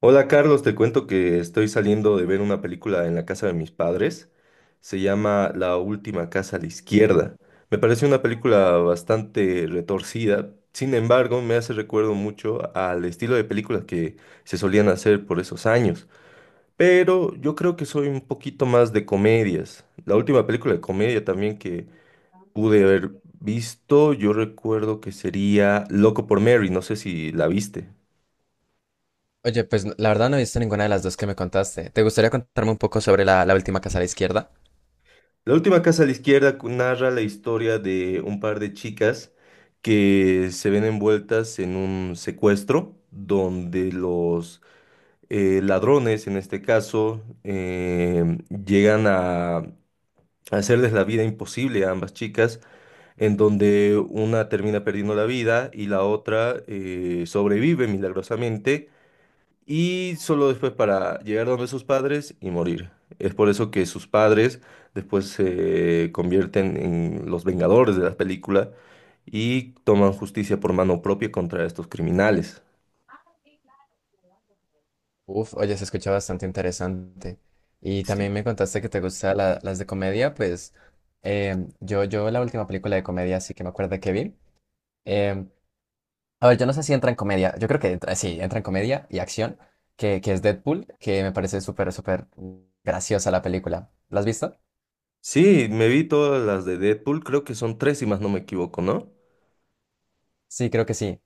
Hola Carlos, te cuento que estoy saliendo de ver una película en la casa de mis padres. Se llama La última casa a la izquierda. Me parece una película bastante retorcida. Sin embargo, me hace recuerdo mucho al estilo de películas que se solían hacer por esos años. Pero yo creo que soy un poquito más de comedias. La última película de comedia también que pude haber visto, yo recuerdo que sería Loco por Mary. No sé si la viste. Oye, pues la verdad no he visto ninguna de las dos que me contaste. ¿Te gustaría contarme un poco sobre la última casa a la izquierda? La última casa a la izquierda narra la historia de un par de chicas que se ven envueltas en un secuestro donde los ladrones, en este caso, llegan a hacerles la vida imposible a ambas chicas, en donde una termina perdiendo la vida y la otra sobrevive milagrosamente y solo después para llegar donde sus padres y morir. Es por eso que sus padres después se convierten en los vengadores de la película y toman justicia por mano propia contra estos criminales. Uf, oye, se escucha bastante interesante. Y Sí, también me contaste que te gustan las de comedia, pues yo la última película de comedia sí que me acuerdo que vi. em, a ver, yo no sé si entra en comedia, yo creo que entra, sí, entra en comedia y acción, que es Deadpool, que me parece súper, súper graciosa la película. ¿La has visto? sí, me vi todas las de Deadpool, creo que son tres si más no me equivoco, ¿no? Sí, creo que sí.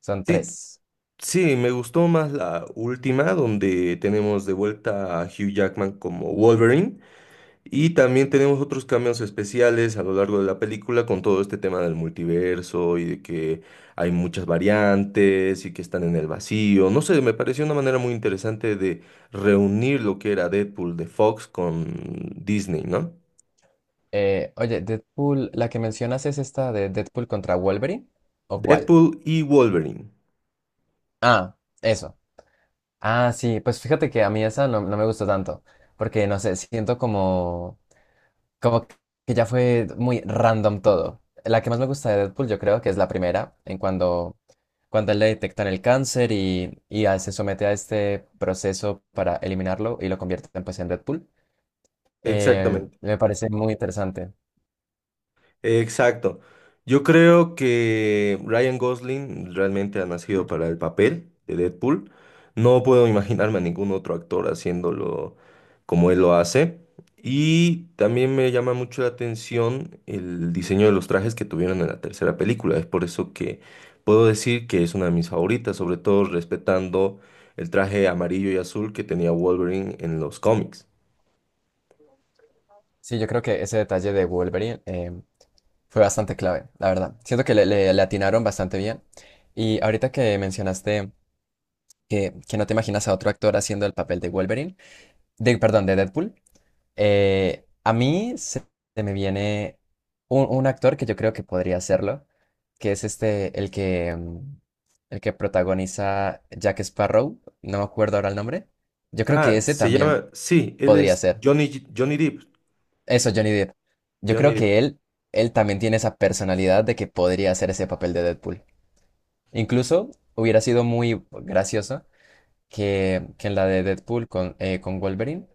Son Sí, tres. sí, me gustó más la última donde tenemos de vuelta a Hugh Jackman como Wolverine. Y también tenemos otros cambios especiales a lo largo de la película con todo este tema del multiverso y de que hay muchas variantes y que están en el vacío. No sé, me pareció una manera muy interesante de reunir lo que era Deadpool de Fox con Disney, ¿no? Oye, Deadpool, la que mencionas es esta de Deadpool contra Wolverine, ¿o cuál? Deadpool y Wolverine. Ah, eso. Ah, sí, pues fíjate que a mí esa no me gustó tanto, porque no sé, siento como que ya fue muy random todo. La que más me gusta de Deadpool, yo creo que es la primera, en cuando a él le detectan el cáncer y a él se somete a este proceso para eliminarlo y lo convierten pues en Deadpool. Exactamente. Me parece muy interesante. Exacto. Yo creo que Ryan Gosling realmente ha nacido para el papel de Deadpool. No puedo imaginarme a ningún otro actor haciéndolo como él lo hace. Y también me llama mucho la atención el diseño de los trajes que tuvieron en la tercera película. Es por eso que puedo decir que es una de mis favoritas, sobre todo respetando el traje amarillo y azul que tenía Wolverine en los cómics. Sí, yo creo que ese detalle de Wolverine, fue bastante clave, la verdad. Siento que le atinaron bastante bien. Y ahorita que mencionaste que no te imaginas a otro actor haciendo el papel de Wolverine, perdón, de Deadpool, eh, a mí se, se me viene un actor que yo creo que podría hacerlo, que es este, el que protagoniza Jack Sparrow, no me acuerdo ahora el nombre. Yo creo que Ah, ese se también llama, sí, él podría es ser. Johnny, Johnny Depp. Eso, Johnny Depp. Yo Johnny creo Depp. que él también tiene esa personalidad de que podría hacer ese papel de Deadpool. Incluso hubiera sido muy gracioso que en la de Deadpool con Wolverine,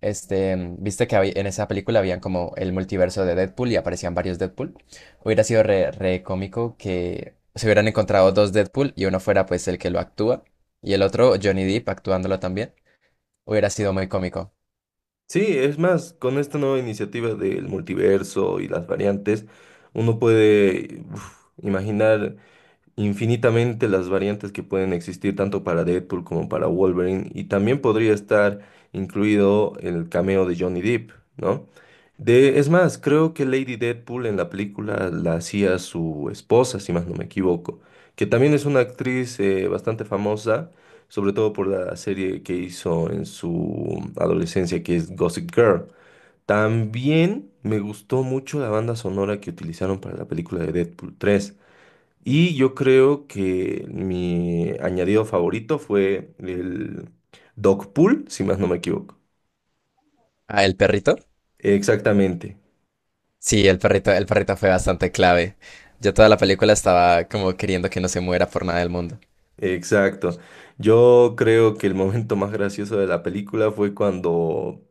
viste que en esa película habían como el multiverso de Deadpool y aparecían varios Deadpool. Hubiera sido re cómico que se hubieran encontrado dos Deadpool y uno fuera pues el que lo actúa y el otro Johnny Depp actuándolo también. Hubiera sido muy cómico. Sí, es más, con esta nueva iniciativa del multiverso y las variantes, uno puede uf, imaginar infinitamente las variantes que pueden existir tanto para Deadpool como para Wolverine y también podría estar incluido el cameo de Johnny Depp, ¿no? De, es más, creo que Lady Deadpool en la película la hacía su esposa, si más no me equivoco, que también es una actriz bastante famosa, sobre todo por la serie que hizo en su adolescencia, que es Gossip Girl. También me gustó mucho la banda sonora que utilizaron para la película de Deadpool 3. Y yo creo que mi añadido favorito fue el dog pool, si más no me equivoco. Ah, ¿el perrito? Exactamente, Sí, el perrito fue bastante clave. Yo toda la película estaba como queriendo que no se muera por nada del mundo. exacto. Yo creo que el momento más gracioso de la película fue cuando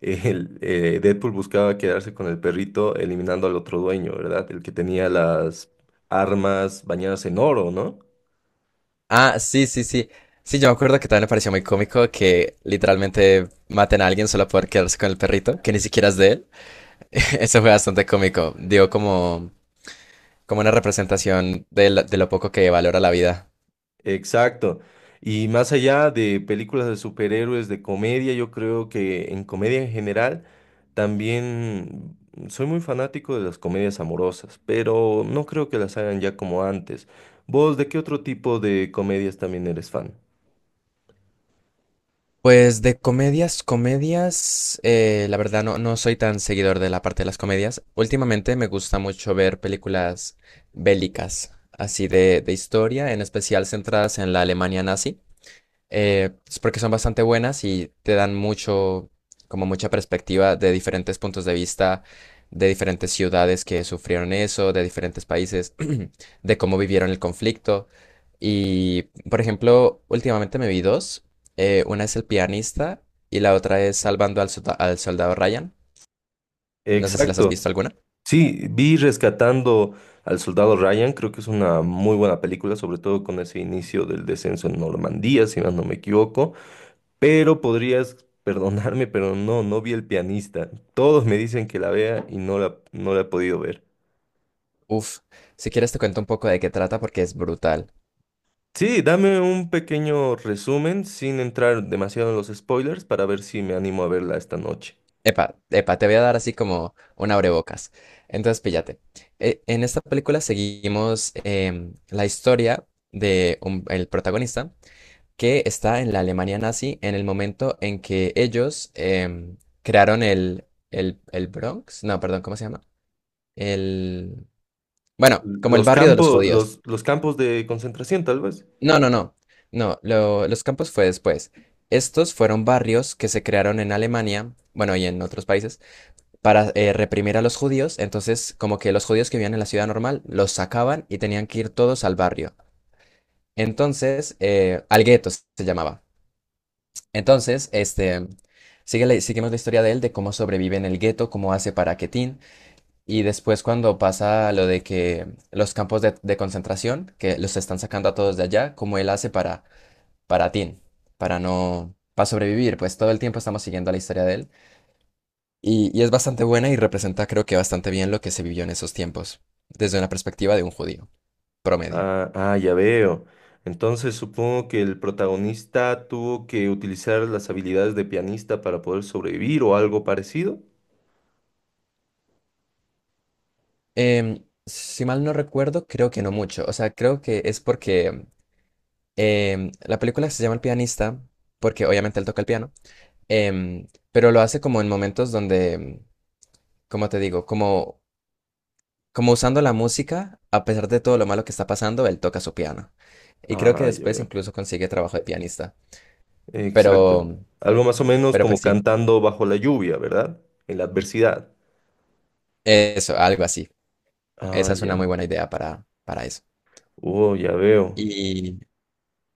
el, Deadpool buscaba quedarse con el perrito eliminando al otro dueño, ¿verdad? El que tenía las armas bañadas en oro, ¿no? Ah, sí, sí, sí. Sí, yo me acuerdo que también me pareció muy cómico que literalmente maten a alguien solo por quedarse con el perrito, que ni siquiera es de él. Eso fue bastante cómico. Dio como una representación de lo poco que valora la vida. Exacto. Y más allá de películas de superhéroes, de comedia, yo creo que en comedia en general también soy muy fanático de las comedias amorosas, pero no creo que las hagan ya como antes. ¿Vos de qué otro tipo de comedias también eres fan? Pues de comedias, comedias, la verdad no soy tan seguidor de la parte de las comedias. Últimamente me gusta mucho ver películas bélicas, así de historia, en especial centradas en la Alemania nazi, es porque son bastante buenas y te dan mucho, como mucha perspectiva de diferentes puntos de vista, de diferentes ciudades que sufrieron eso, de diferentes países, de cómo vivieron el conflicto. Y, por ejemplo, últimamente me vi dos. Una es El Pianista y la otra es Salvando al Soldado Ryan. No sé si las has Exacto. visto alguna. Sí, vi Rescatando al Soldado Ryan, creo que es una muy buena película, sobre todo con ese inicio del descenso en Normandía, si más no me equivoco. Pero podrías perdonarme, pero no, no vi el pianista. Todos me dicen que la vea y no la he podido ver. Uf, si quieres te cuento un poco de qué trata porque es brutal. Sí, dame un pequeño resumen sin entrar demasiado en los spoilers para ver si me animo a verla esta noche. Epa, epa, te voy a dar así como un abrebocas. Entonces, píllate. En esta película seguimos la historia de el protagonista que está en la Alemania nazi en el momento en que ellos crearon el Bronx. No, perdón, ¿cómo se llama? El... Bueno, como el Los barrio de los campos, judíos. Los campos de concentración, tal vez. No, no, no. No, los campos fue después. Estos fueron barrios que se crearon en Alemania, bueno, y en otros países para reprimir a los judíos, entonces como que los judíos que vivían en la ciudad normal los sacaban y tenían que ir todos al barrio. Entonces, al gueto se llamaba. Entonces, este, seguimos la historia de él, de cómo sobrevive en el gueto, cómo hace para que Tin, y después cuando pasa lo de que los campos de concentración, que los están sacando a todos de allá, cómo él hace para Tin, para no, para sobrevivir, pues todo el tiempo estamos siguiendo la historia de él. Y es bastante buena y representa creo que bastante bien lo que se vivió en esos tiempos, desde una perspectiva de un judío promedio. Ah, ah, ya veo. Entonces supongo que el protagonista tuvo que utilizar las habilidades de pianista para poder sobrevivir o algo parecido. Si mal no recuerdo, creo que no mucho. O sea, creo que es porque la película se llama El Pianista, porque obviamente él toca el piano, pero lo hace como en momentos donde, em, como te digo, como, como usando la música, a pesar de todo lo malo que está pasando, él toca su piano. Y creo que Ah, ya después veo. incluso consigue trabajo de pianista. Exacto. Pero, Algo más o menos pero como pues sí, cantando bajo la lluvia, ¿verdad? En la adversidad. eso, algo así. Ah, Esa es una ya. muy buena idea para eso. Oh, ya veo. Y,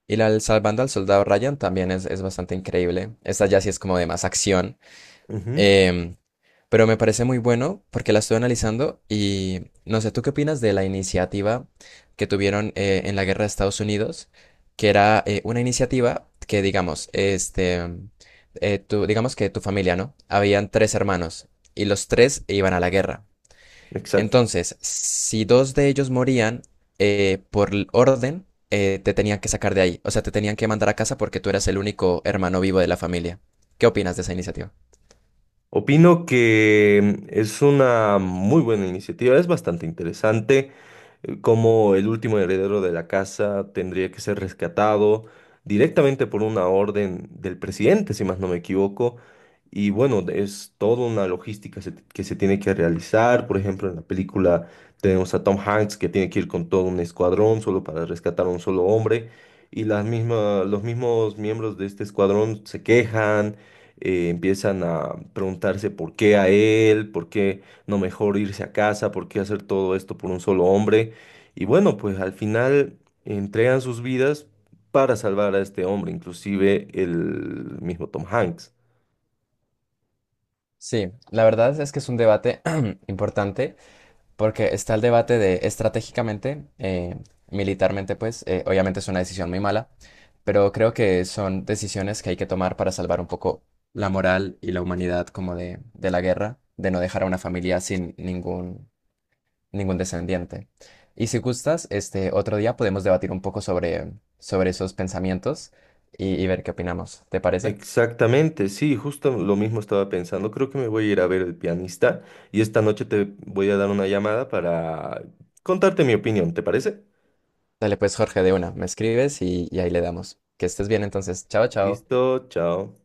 y la del Salvando al Soldado Ryan también es bastante increíble. Esta ya sí es como de más acción. Ujú. em, pero me parece muy bueno porque la estuve analizando y no sé, ¿tú qué opinas de la iniciativa que tuvieron en la guerra de Estados Unidos? Que era una iniciativa que, digamos, este, digamos que tu familia, ¿no? Habían tres hermanos y los tres iban a la guerra. Exacto. Entonces, si dos de ellos morían orden, te tenían que sacar de ahí. O sea, te tenían que mandar a casa porque tú eras el único hermano vivo de la familia. ¿Qué opinas de esa iniciativa? Opino que es una muy buena iniciativa, es bastante interesante, como el último heredero de la casa tendría que ser rescatado directamente por una orden del presidente, si más no me equivoco. Y bueno, es toda una logística que se tiene que realizar. Por ejemplo, en la película tenemos a Tom Hanks que tiene que ir con todo un escuadrón solo para rescatar a un solo hombre. Y los mismos miembros de este escuadrón se quejan, empiezan a preguntarse por qué a él, por qué no mejor irse a casa, por qué hacer todo esto por un solo hombre. Y bueno, pues al final entregan sus vidas para salvar a este hombre, inclusive el mismo Tom Hanks. Sí, la verdad es que es un debate importante. Porque está el debate de estratégicamente, militarmente, pues, obviamente es una decisión muy mala, pero creo que son decisiones que hay que tomar para salvar un poco la moral y la humanidad como de la guerra, de no dejar a una familia sin ningún descendiente. Y si gustas, este otro día podemos debatir un poco sobre esos pensamientos y ver qué opinamos. ¿Te parece? Exactamente, sí, justo lo mismo estaba pensando. Creo que me voy a ir a ver el pianista y esta noche te voy a dar una llamada para contarte mi opinión, ¿te parece? Dale pues, Jorge, de una, me escribes y ahí le damos. Que estés bien entonces. Chao, chao. Listo, chao.